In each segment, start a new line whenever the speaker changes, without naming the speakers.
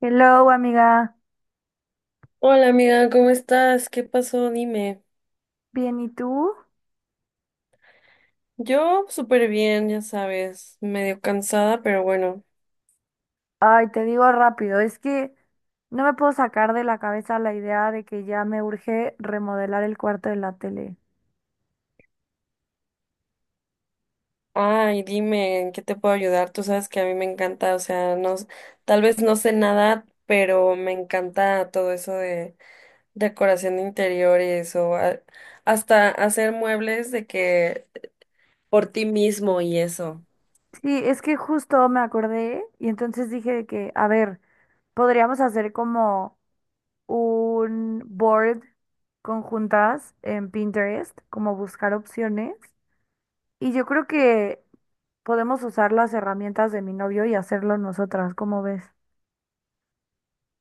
Hello, amiga.
Hola amiga, ¿cómo estás? ¿Qué pasó? Dime.
Bien, ¿y tú?
Yo súper bien, ya sabes, medio cansada, pero bueno.
Ay, te digo rápido, es que no me puedo sacar de la cabeza la idea de que ya me urge remodelar el cuarto de la tele.
Ay, dime, ¿en qué te puedo ayudar? Tú sabes que a mí me encanta, o sea, no, tal vez no sé nada, pero me encanta todo eso de decoración de interiores hasta hacer muebles de que por ti mismo y eso.
Sí, es que justo me acordé y entonces dije de que, a ver, podríamos hacer como un board conjuntas en Pinterest, como buscar opciones. Y yo creo que podemos usar las herramientas de mi novio y hacerlo nosotras, ¿cómo ves?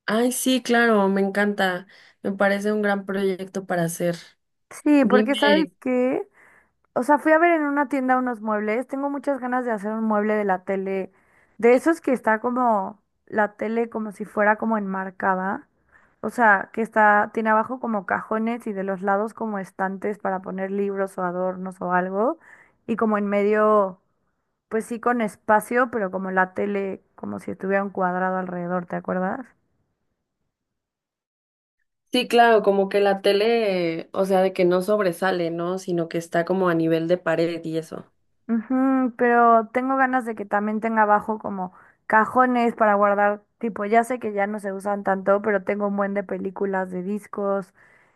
Ay, sí, claro, me encanta. Me parece un gran proyecto para hacer.
Sí, porque ¿sabes
Dime.
qué? O sea, fui a ver en una tienda unos muebles. Tengo muchas ganas de hacer un mueble de la tele, de esos que está como la tele como si fuera como enmarcada. O sea, que está, tiene abajo como cajones y de los lados como estantes para poner libros o adornos o algo. Y como en medio, pues sí con espacio, pero como la tele, como si estuviera un cuadrado alrededor, ¿te acuerdas?
Sí, claro, como que la tele, o sea, de que no sobresale, ¿no? Sino que está como a nivel de pared y eso.
Ujú, pero tengo ganas de que también tenga abajo como cajones para guardar, tipo, ya sé que ya no se usan tanto, pero tengo un buen de películas, de discos,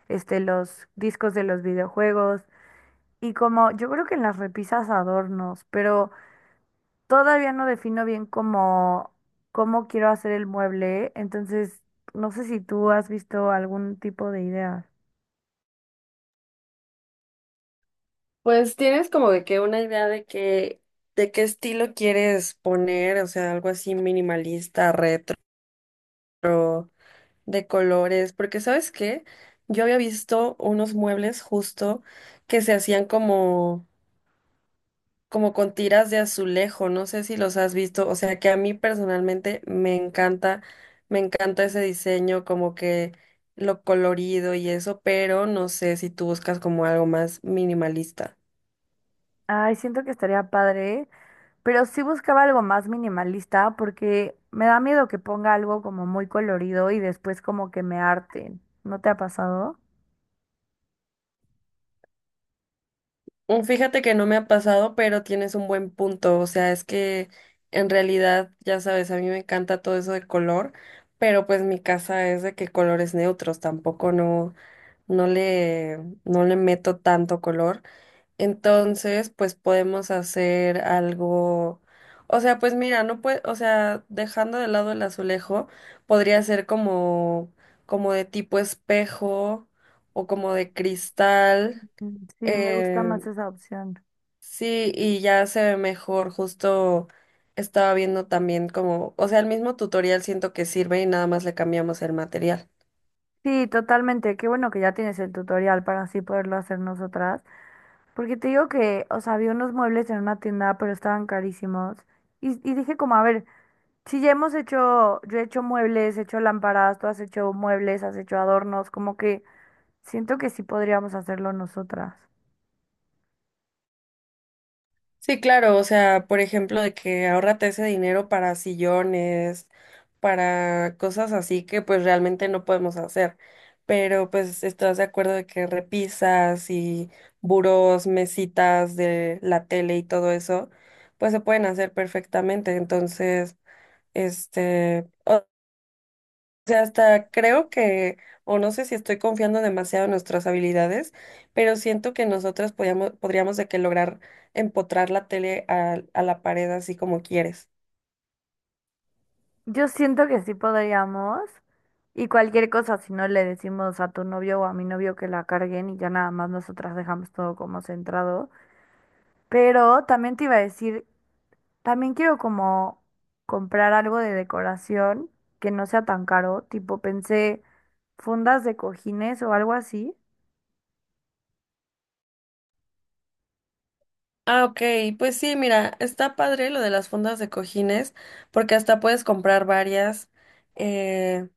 los discos de los videojuegos y como yo creo que en las repisas adornos, pero todavía no defino bien cómo quiero hacer el mueble, entonces no sé si tú has visto algún tipo de idea.
Pues tienes como de que una idea de que, de qué estilo quieres poner, o sea, algo así minimalista, retro, de colores, porque ¿sabes qué? Yo había visto unos muebles justo que se hacían como con tiras de azulejo, no sé si los has visto, o sea que a mí personalmente me encanta ese diseño, como que lo colorido y eso, pero no sé si tú buscas como algo más minimalista.
Ay, siento que estaría padre. Pero sí buscaba algo más minimalista porque me da miedo que ponga algo como muy colorido y después como que me harten. ¿No te ha pasado?
Mm, fíjate que no me ha pasado, pero tienes un buen punto, o sea, es que en realidad, ya sabes, a mí me encanta todo eso de color, pero pues mi casa es de que colores neutros, tampoco no, no le, no le meto tanto color. Entonces, pues podemos hacer algo, o sea, pues mira, no puede, o sea, dejando de lado el azulejo, podría ser como, como de tipo espejo o como de cristal.
Mm, sí, me gusta
eh,
más esa opción.
sí, y ya se ve mejor, justo estaba viendo también como, o sea, el mismo tutorial siento que sirve y nada más le cambiamos el material.
Sí, totalmente. Qué bueno que ya tienes el tutorial para así poderlo hacer nosotras. Porque te digo que, o sea, vi unos muebles en una tienda, pero estaban carísimos. Y dije como, a ver, si ya hemos hecho, yo he hecho muebles, he hecho lámparas, tú has hecho muebles, has hecho adornos, como que siento que sí podríamos hacerlo nosotras.
Sí, claro, o sea, por ejemplo, de que ahorrate ese dinero para sillones, para cosas así que pues realmente no podemos hacer. Pero pues estás de acuerdo de que repisas y burós, mesitas de la tele y todo eso, pues se pueden hacer perfectamente. Entonces, este, sea, hasta creo que, o no sé si estoy confiando demasiado en nuestras habilidades, pero siento que podríamos de que lograr empotrar la tele a la pared así como quieres.
Yo siento que sí podríamos. Y cualquier cosa, si no le decimos a tu novio o a mi novio que la carguen y ya nada más nosotras dejamos todo como centrado. Pero también te iba a decir, también quiero como comprar algo de decoración que no sea tan caro. Tipo, pensé fundas de cojines o algo así.
Ah, ok, pues sí, mira, está padre lo de las fundas de cojines, porque hasta puedes comprar varias. Eh,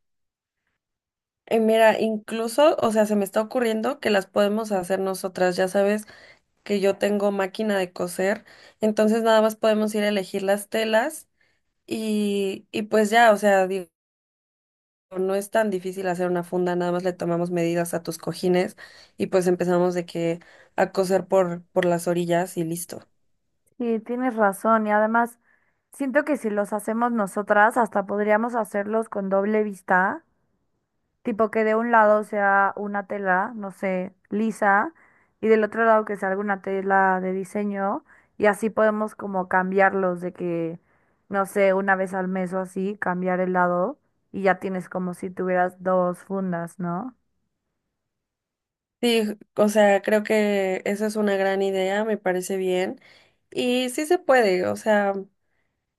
y mira, incluso, o sea, se me está ocurriendo que las podemos hacer nosotras. Ya sabes que yo tengo máquina de coser, entonces nada más podemos ir a elegir las telas. Y pues ya, o sea, digo, no es tan difícil hacer una funda, nada más le tomamos medidas a tus cojines y pues empezamos de que a coser por las orillas y listo.
Sí, tienes razón. Y además, siento que si los hacemos nosotras, hasta podríamos hacerlos con doble vista. Tipo que de un lado sea una tela, no sé, lisa, y del otro lado que sea alguna tela de diseño, y así podemos como cambiarlos de que, no sé, una vez al mes o así, cambiar el lado, y ya tienes como si tuvieras dos fundas, ¿no?
Sí, o sea, creo que esa es una gran idea, me parece bien. Y sí se puede, o sea,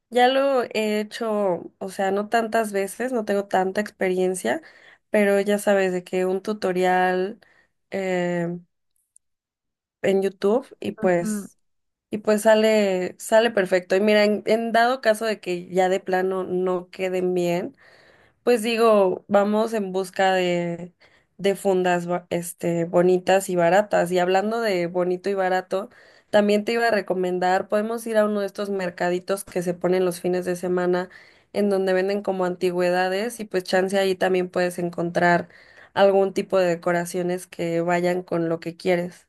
ya lo he hecho, o sea, no tantas veces, no tengo tanta experiencia, pero ya sabes de que un tutorial eh, en YouTube y
Ujú.
pues. Y pues sale perfecto. Y mira, en dado caso de que ya de plano no queden bien, pues digo, vamos en busca de fundas este, bonitas y baratas. Y hablando de bonito y barato, también te iba a recomendar, podemos ir a uno de estos mercaditos que se ponen los fines de semana, en donde venden como antigüedades, y pues chance ahí también puedes encontrar algún tipo de decoraciones que vayan con lo que quieres.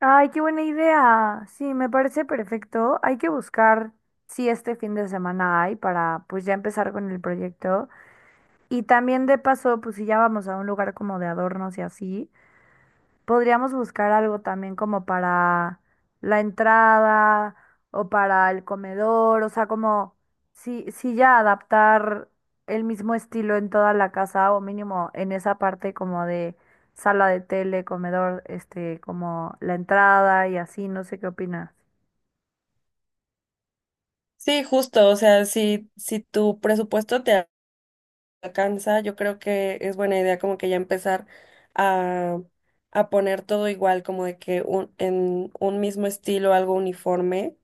Ay, qué buena idea. Sí, me parece perfecto. Hay que buscar si este fin de semana hay para pues ya empezar con el proyecto. Y también de paso, pues si ya vamos a un lugar como de adornos y así. Podríamos buscar algo también como para la entrada o para el comedor, o sea, como si ya adaptar el mismo estilo en toda la casa o mínimo en esa parte como de sala de tele, comedor, este, como la entrada y así, no sé qué opinas.
Sí, justo, o sea, si tu presupuesto te alcanza, yo creo que es buena idea como que ya empezar a, a poner todo igual, como de que un, en un mismo estilo, algo uniforme,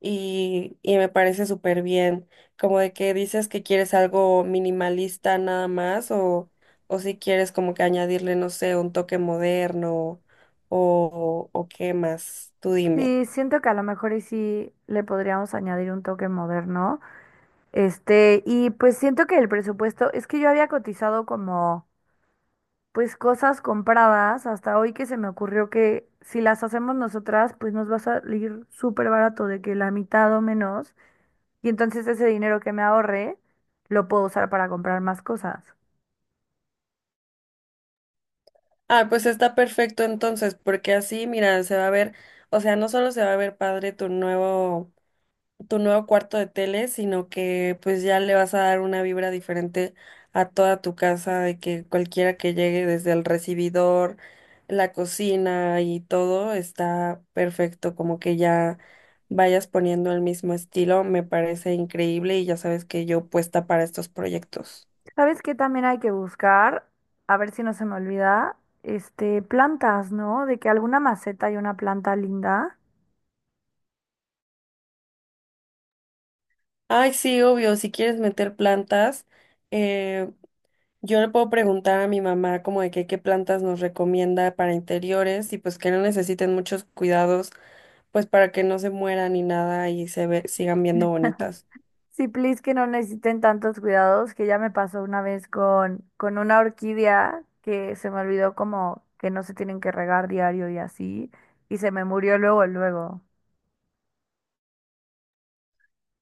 y me parece súper bien, como de que dices que quieres algo minimalista nada más, o si quieres como que añadirle, no sé, un toque moderno, o qué más, tú dime.
Sí, siento que a lo mejor y sí le podríamos añadir un toque moderno. Este, y pues siento que el presupuesto, es que yo había cotizado como pues cosas compradas hasta hoy que se me ocurrió que si las hacemos nosotras, pues nos va a salir súper barato de que la mitad o menos. Y entonces ese dinero que me ahorre lo puedo usar para comprar más cosas.
Ah, pues está perfecto entonces, porque así, mira, se va a ver, o sea, no solo se va a ver padre tu nuevo cuarto de tele, sino que pues ya le vas a dar una vibra diferente a toda tu casa, de que cualquiera que llegue desde el recibidor, la cocina y todo está perfecto, como que ya vayas poniendo el mismo estilo, me parece increíble y ya sabes que yo puesta para estos proyectos.
¿Sabes qué también hay que buscar? A ver si no se me olvida, este, plantas, ¿no? De que alguna maceta y una planta linda.
Ay, sí, obvio, si quieres meter plantas. eh, Yo le puedo preguntar a mi mamá como de que qué plantas nos recomienda para interiores y pues que no necesiten muchos cuidados, pues para que no se mueran ni nada y sigan viendo bonitas.
Sí, please, que no necesiten tantos cuidados, que ya me pasó una vez con una orquídea que se me olvidó como que no se tienen que regar diario y así, y se me murió luego, luego.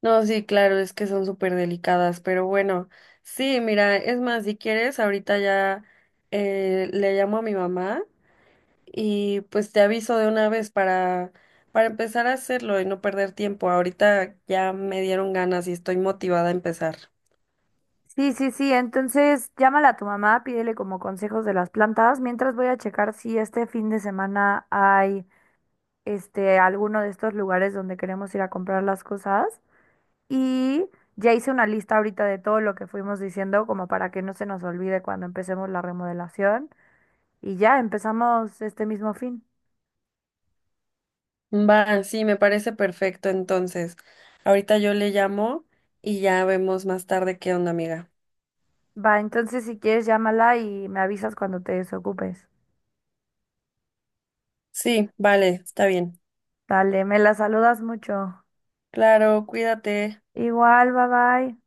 No, sí, claro, es que son súper delicadas, pero bueno, sí, mira, es más, si quieres, ahorita ya le llamo a mi mamá y pues te aviso de una vez para empezar a hacerlo y no perder tiempo. Ahorita ya me dieron ganas y estoy motivada a empezar.
Sí, sí, sí, entonces llámala a tu mamá, pídele como consejos de las plantas, mientras voy a checar si este fin de semana hay este alguno de estos lugares donde queremos ir a comprar las cosas y ya hice una lista ahorita de todo lo que fuimos diciendo como para que no se nos olvide cuando empecemos la remodelación. Y ya empezamos este mismo fin.
Va, sí, me parece perfecto. Entonces, ahorita yo le llamo y ya vemos más tarde qué onda, amiga.
Va, entonces si quieres llámala y me avisas cuando te desocupes.
Sí, vale, está bien.
Dale, me la saludas mucho.
Claro, cuídate.
Igual, bye bye.